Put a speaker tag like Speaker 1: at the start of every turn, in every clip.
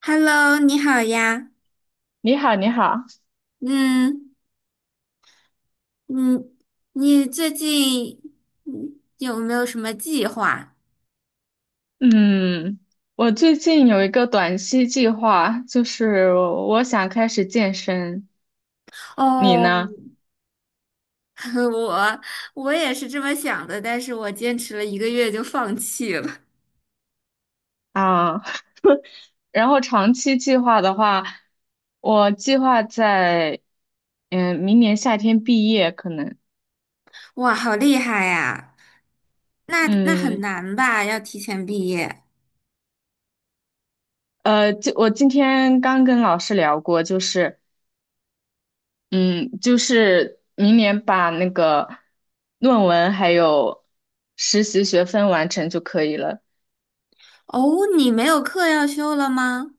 Speaker 1: Hello，你好呀。
Speaker 2: 你好，你好，
Speaker 1: 嗯嗯，你最近有没有什么计划？
Speaker 2: 嗯，我最近有一个短期计划，就是我想开始健身，你
Speaker 1: 哦，
Speaker 2: 呢？
Speaker 1: 我我也是这么想的，但是我坚持了1个月就放弃了。
Speaker 2: 啊，然后长期计划的话，我计划在，明年夏天毕业，可能，
Speaker 1: 哇，好厉害呀！那很
Speaker 2: 嗯，
Speaker 1: 难吧？要提前毕业。
Speaker 2: 就我今天刚跟老师聊过，就是明年把那个论文还有实习学分完成就可以了。
Speaker 1: 哦，你没有课要修了吗？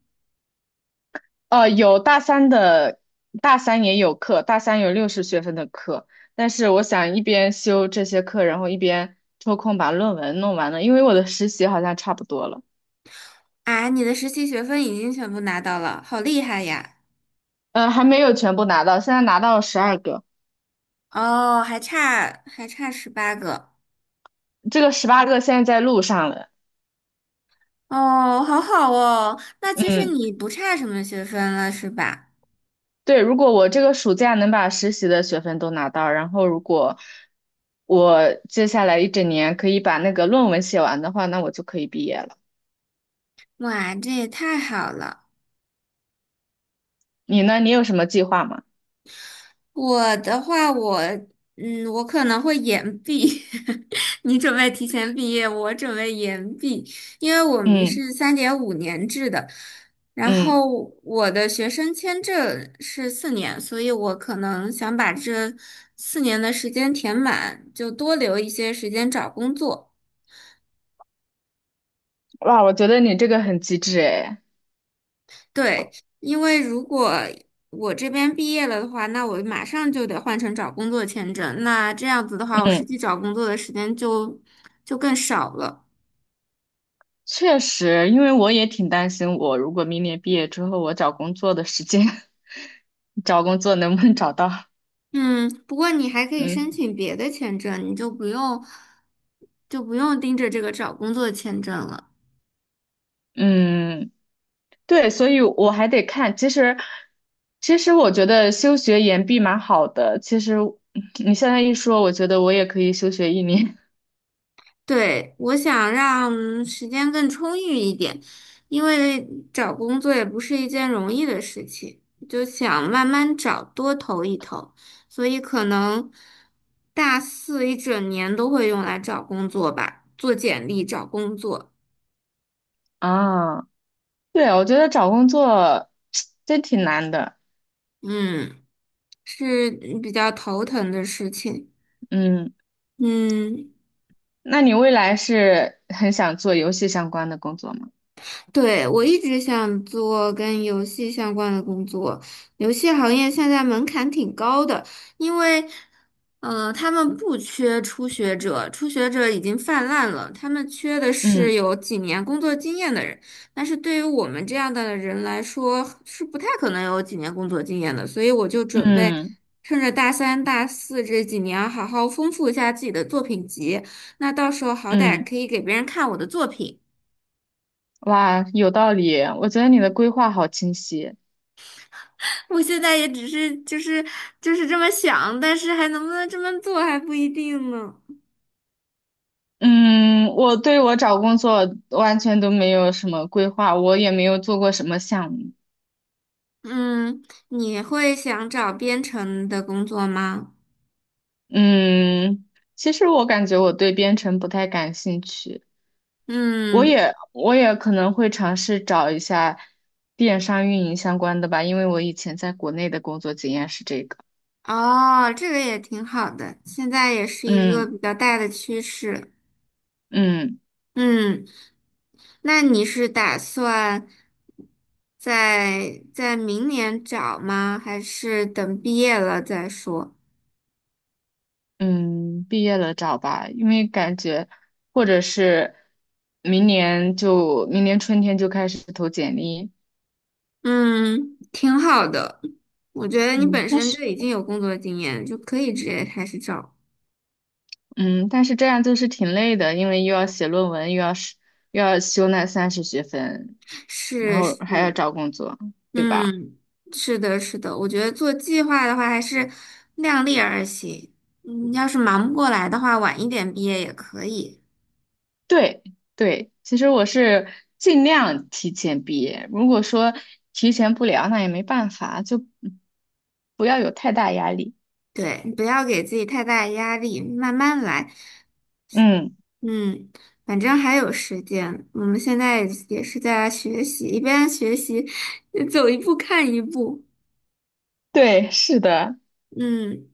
Speaker 2: 有大三的，大三也有课，大三有60学分的课，但是我想一边修这些课，然后一边抽空把论文弄完了，因为我的实习好像差不多了，
Speaker 1: 啊，你的实习学分已经全部拿到了，好厉害呀！
Speaker 2: 还没有全部拿到，现在拿到了12个，
Speaker 1: 哦，还差18个。
Speaker 2: 这个18个现在在路上了，
Speaker 1: 哦，好好哦，那其实
Speaker 2: 嗯，
Speaker 1: 你不差什么学分了，是吧？
Speaker 2: 对，如果我这个暑假能把实习的学分都拿到，然后如果我接下来一整年可以把那个论文写完的话，那我就可以毕业了。
Speaker 1: 哇，这也太好了。
Speaker 2: 你呢？你有什么计划吗？
Speaker 1: 我的话，我可能会延毕。你准备提前毕业，我准备延毕，因为我们
Speaker 2: 嗯
Speaker 1: 是3.5年制的，然
Speaker 2: 嗯。
Speaker 1: 后我的学生签证是四年，所以我可能想把这四年的时间填满，就多留一些时间找工作。
Speaker 2: 哇，我觉得你这个很机智诶。
Speaker 1: 对，因为如果我这边毕业了的话，那我马上就得换成找工作签证。那这样子的话，我实
Speaker 2: 嗯
Speaker 1: 际找工作的时间就更少了。
Speaker 2: 确实，因为我也挺担心，我如果明年毕业之后，我找工作的时间，找工作能不能找到？
Speaker 1: 嗯，不过你还可以申
Speaker 2: 嗯
Speaker 1: 请别的签证，你就不用盯着这个找工作签证了。
Speaker 2: 嗯，对，所以我还得看。其实我觉得休学延毕蛮好的。其实你现在一说，我觉得我也可以休学一年
Speaker 1: 对，我想让时间更充裕一点，因为找工作也不是一件容易的事情，就想慢慢找，多投一投，所以可能大四一整年都会用来找工作吧，做简历、找工作，
Speaker 2: 啊。对，我觉得找工作 真挺难的。
Speaker 1: 嗯，是比较头疼的事情，
Speaker 2: 嗯，
Speaker 1: 嗯。
Speaker 2: 那你未来是很想做游戏相关的工作吗？
Speaker 1: 对，我一直想做跟游戏相关的工作，游戏行业现在门槛挺高的，因为，他们不缺初学者，初学者已经泛滥了，他们缺的是
Speaker 2: 嗯。
Speaker 1: 有几年工作经验的人，但是对于我们这样的人来说，是不太可能有几年工作经验的，所以我就准备
Speaker 2: 嗯
Speaker 1: 趁着大三、大四这几年，好好丰富一下自己的作品集，那到时候好歹
Speaker 2: 嗯，
Speaker 1: 可以给别人看我的作品。
Speaker 2: 哇，有道理。我觉得你的规划好清晰。
Speaker 1: 我现在也只是就是这么想，但是还能不能这么做还不一定呢。
Speaker 2: 嗯，我对我找工作完全都没有什么规划，我也没有做过什么项目。
Speaker 1: 嗯，你会想找编程的工作吗？
Speaker 2: 嗯，其实我感觉我对编程不太感兴趣，我
Speaker 1: 嗯，
Speaker 2: 也我也可能会尝试找一下电商运营相关的吧，因为我以前在国内的工作经验是这个。
Speaker 1: 哦，这个也挺好的，现在也是一个
Speaker 2: 嗯
Speaker 1: 比较大的趋势。
Speaker 2: 嗯。
Speaker 1: 嗯，那你是打算在明年找吗？还是等毕业了再说？
Speaker 2: 嗯，毕业了找吧，因为感觉或者是明年春天就开始投简历。
Speaker 1: 嗯，挺好的。我觉得你
Speaker 2: 嗯，
Speaker 1: 本
Speaker 2: 但
Speaker 1: 身
Speaker 2: 是
Speaker 1: 就已经有工作经验，就可以直接开始找。
Speaker 2: 这样就是挺累的，因为又要写论文，又要修那30学分，然
Speaker 1: 是
Speaker 2: 后
Speaker 1: 是，
Speaker 2: 还要找工作，对吧？
Speaker 1: 嗯，是的，是的。我觉得做计划的话，还是量力而行。嗯，要是忙不过来的话，晚一点毕业也可以。
Speaker 2: 对对，其实我是尽量提前毕业，如果说提前不了，那也没办法，就不要有太大压力。
Speaker 1: 对，不要给自己太大的压力，慢慢来。
Speaker 2: 嗯，
Speaker 1: 嗯，反正还有时间。我们现在也是在学习，一边学习，走一步看一步。
Speaker 2: 对，是的。
Speaker 1: 嗯，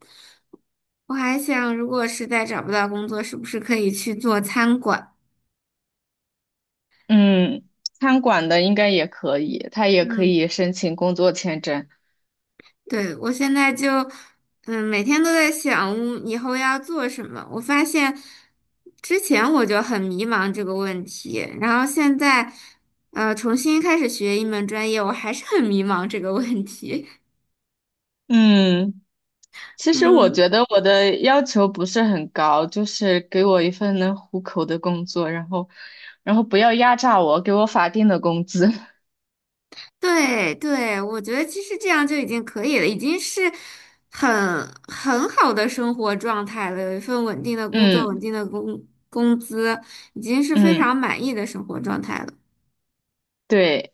Speaker 1: 我还想，如果实在找不到工作，是不是可以去做餐馆？
Speaker 2: 嗯，餐馆的应该也可以，他也可
Speaker 1: 嗯，
Speaker 2: 以申请工作签证。
Speaker 1: 对，我现在就，嗯，每天都在想以后要做什么。我发现之前我就很迷茫这个问题，然后现在，重新开始学一门专业，我还是很迷茫这个问题。
Speaker 2: 嗯，其实我
Speaker 1: 嗯。
Speaker 2: 觉得我的要求不是很高，就是给我一份能糊口的工作，然后，不要压榨我，给我法定的工资。
Speaker 1: 对对，我觉得其实这样就已经可以了，已经是很很好的生活状态了。有一份稳定的工作，稳
Speaker 2: 嗯
Speaker 1: 定的工资，已经是非常
Speaker 2: 嗯，
Speaker 1: 满意的生活状态了。
Speaker 2: 对，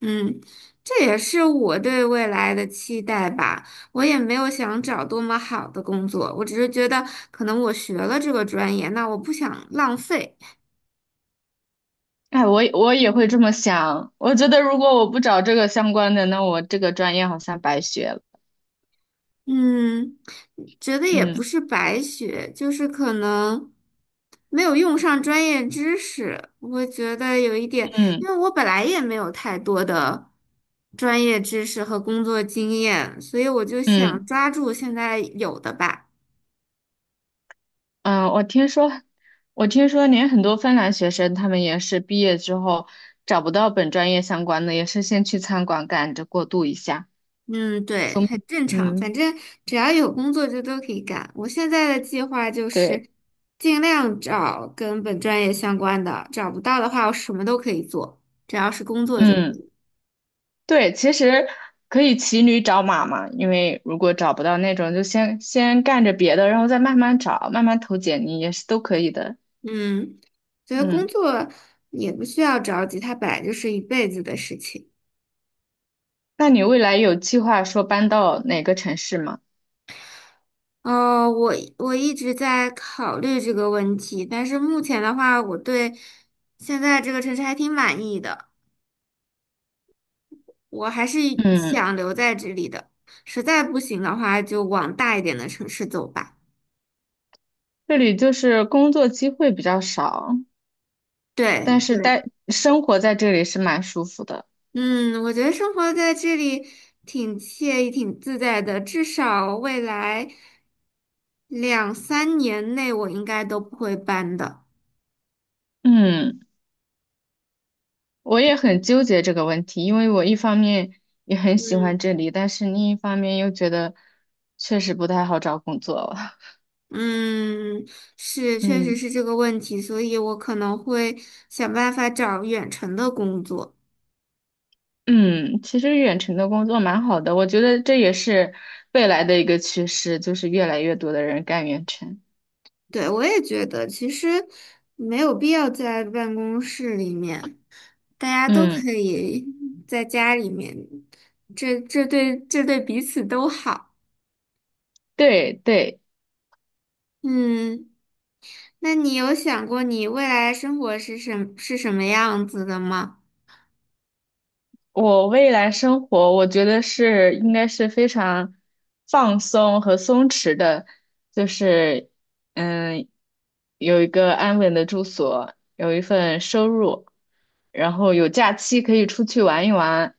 Speaker 1: 嗯，这也是我对未来的期待吧。我也没有想找多么好的工作，我只是觉得可能我学了这个专业，那我不想浪费。
Speaker 2: 哎，我也会这么想。我觉得如果我不找这个相关的，那我这个专业好像白学了。
Speaker 1: 嗯，觉得也不
Speaker 2: 嗯
Speaker 1: 是白学，就是可能没有用上专业知识，我觉得有一点，
Speaker 2: 嗯
Speaker 1: 因为我本来也没有太多的专业知识和工作经验，所以我就想
Speaker 2: 嗯。
Speaker 1: 抓住现在有的吧。
Speaker 2: 嗯，我听说连很多芬兰学生，他们也是毕业之后找不到本专业相关的，也是先去餐馆赶着过渡一下。
Speaker 1: 嗯，对，
Speaker 2: 从，
Speaker 1: 很正常，反
Speaker 2: 嗯，
Speaker 1: 正只要有工作就都可以干。我现在的计划就
Speaker 2: 对，
Speaker 1: 是尽量找跟本专业相关的，找不到的话我什么都可以做，只要是工作就可
Speaker 2: 嗯，
Speaker 1: 以。
Speaker 2: 对，其实可以骑驴找马嘛，因为如果找不到那种，就先干着别的，然后再慢慢找，慢慢投简历也是都可以的。
Speaker 1: 嗯，觉得工
Speaker 2: 嗯，
Speaker 1: 作也不需要着急，它本来就是一辈子的事情。
Speaker 2: 那你未来有计划说搬到哪个城市吗？
Speaker 1: 哦，我一直在考虑这个问题，但是目前的话，我对现在这个城市还挺满意的，我还是
Speaker 2: 嗯，
Speaker 1: 想留在这里的。实在不行的话，就往大一点的城市走吧。
Speaker 2: 这里就是工作机会比较少，
Speaker 1: 对，
Speaker 2: 但是
Speaker 1: 对。
Speaker 2: 待生活在这里是蛮舒服的。
Speaker 1: 嗯，我觉得生活在这里挺惬意、挺自在的，至少未来两三年内我应该都不会搬的。
Speaker 2: 嗯，我也很纠结这个问题，因为我一方面也很喜
Speaker 1: 嗯
Speaker 2: 欢这里，但是另一方面又觉得确实不太好找工作了。
Speaker 1: 嗯，是，确实
Speaker 2: 嗯
Speaker 1: 是这个问题，所以我可能会想办法找远程的工作。
Speaker 2: 嗯，其实远程的工作蛮好的，我觉得这也是未来的一个趋势，就是越来越多的人干远程。
Speaker 1: 对，我也觉得其实没有必要在办公室里面，大家都
Speaker 2: 嗯，
Speaker 1: 可以在家里面，这对彼此都好。
Speaker 2: 对对。
Speaker 1: 嗯。那你有想过你未来生活是什么样子的吗？
Speaker 2: 我未来生活，我觉得是应该是非常放松和松弛的，就是嗯，有一个安稳的住所，有一份收入，然后有假期可以出去玩一玩，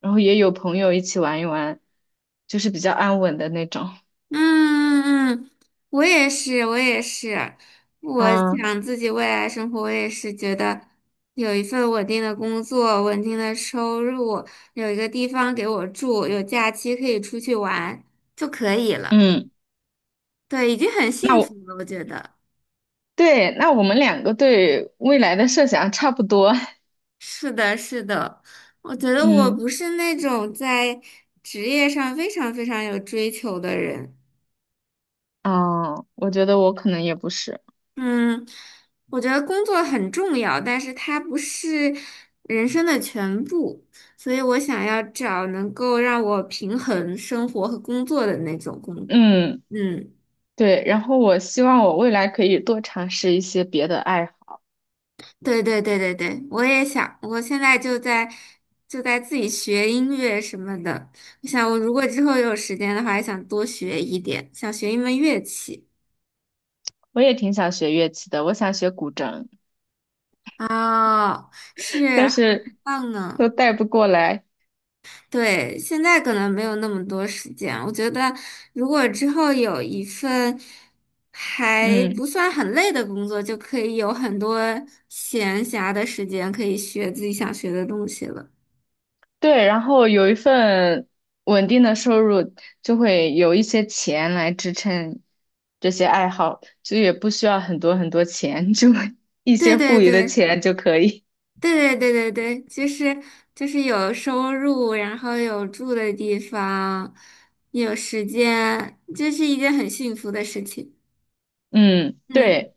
Speaker 2: 然后也有朋友一起玩一玩，就是比较安稳的那种。
Speaker 1: 嗯嗯嗯，我也是，我也是，我
Speaker 2: 啊，
Speaker 1: 想自己未来生活，我也是觉得有一份稳定的工作，稳定的收入，有一个地方给我住，有假期可以出去玩就可以了。
Speaker 2: 嗯，
Speaker 1: 对，已经很
Speaker 2: 那
Speaker 1: 幸福
Speaker 2: 我
Speaker 1: 了，我觉得。
Speaker 2: 对，那我们2个对未来的设想差不多。
Speaker 1: 是的，是的，我觉得我
Speaker 2: 嗯，
Speaker 1: 不是那种在职业上非常非常有追求的人。
Speaker 2: 啊，我觉得我可能也不是。
Speaker 1: 嗯，我觉得工作很重要，但是它不是人生的全部，所以我想要找能够让我平衡生活和工作的那种工。
Speaker 2: 嗯。
Speaker 1: 嗯，
Speaker 2: 对，然后我希望我未来可以多尝试一些别的爱好。
Speaker 1: 对对对对对，我也想，我现在就在自己学音乐什么的。我想，我如果之后有时间的话，也想多学一点，想学一门乐器。
Speaker 2: 我也挺想学乐器的，我想学古筝，
Speaker 1: 哦，是，
Speaker 2: 但
Speaker 1: 很
Speaker 2: 是
Speaker 1: 棒
Speaker 2: 都
Speaker 1: 呢。
Speaker 2: 带不过来。
Speaker 1: 对，现在可能没有那么多时间。我觉得，如果之后有一份还
Speaker 2: 嗯，
Speaker 1: 不算很累的工作，就可以有很多闲暇的时间，可以学自己想学的东西了。
Speaker 2: 对，然后有一份稳定的收入，就会有一些钱来支撑这些爱好，就也不需要很多很多钱，就 一
Speaker 1: 对
Speaker 2: 些
Speaker 1: 对
Speaker 2: 富余的
Speaker 1: 对
Speaker 2: 钱就可以。
Speaker 1: 对对对对对，就是就是有收入，然后有住的地方，有时间，这是一件很幸福的事情。
Speaker 2: 嗯，
Speaker 1: 嗯，
Speaker 2: 对，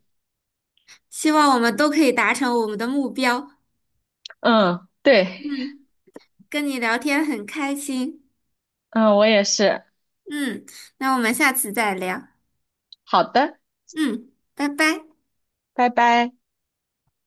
Speaker 1: 希望我们都可以达成我们的目标。
Speaker 2: 嗯，对，
Speaker 1: 嗯，跟你聊天很开心。
Speaker 2: 嗯，我也是。
Speaker 1: 嗯，那我们下次再聊。
Speaker 2: 好的，
Speaker 1: 嗯，拜拜。
Speaker 2: 拜拜。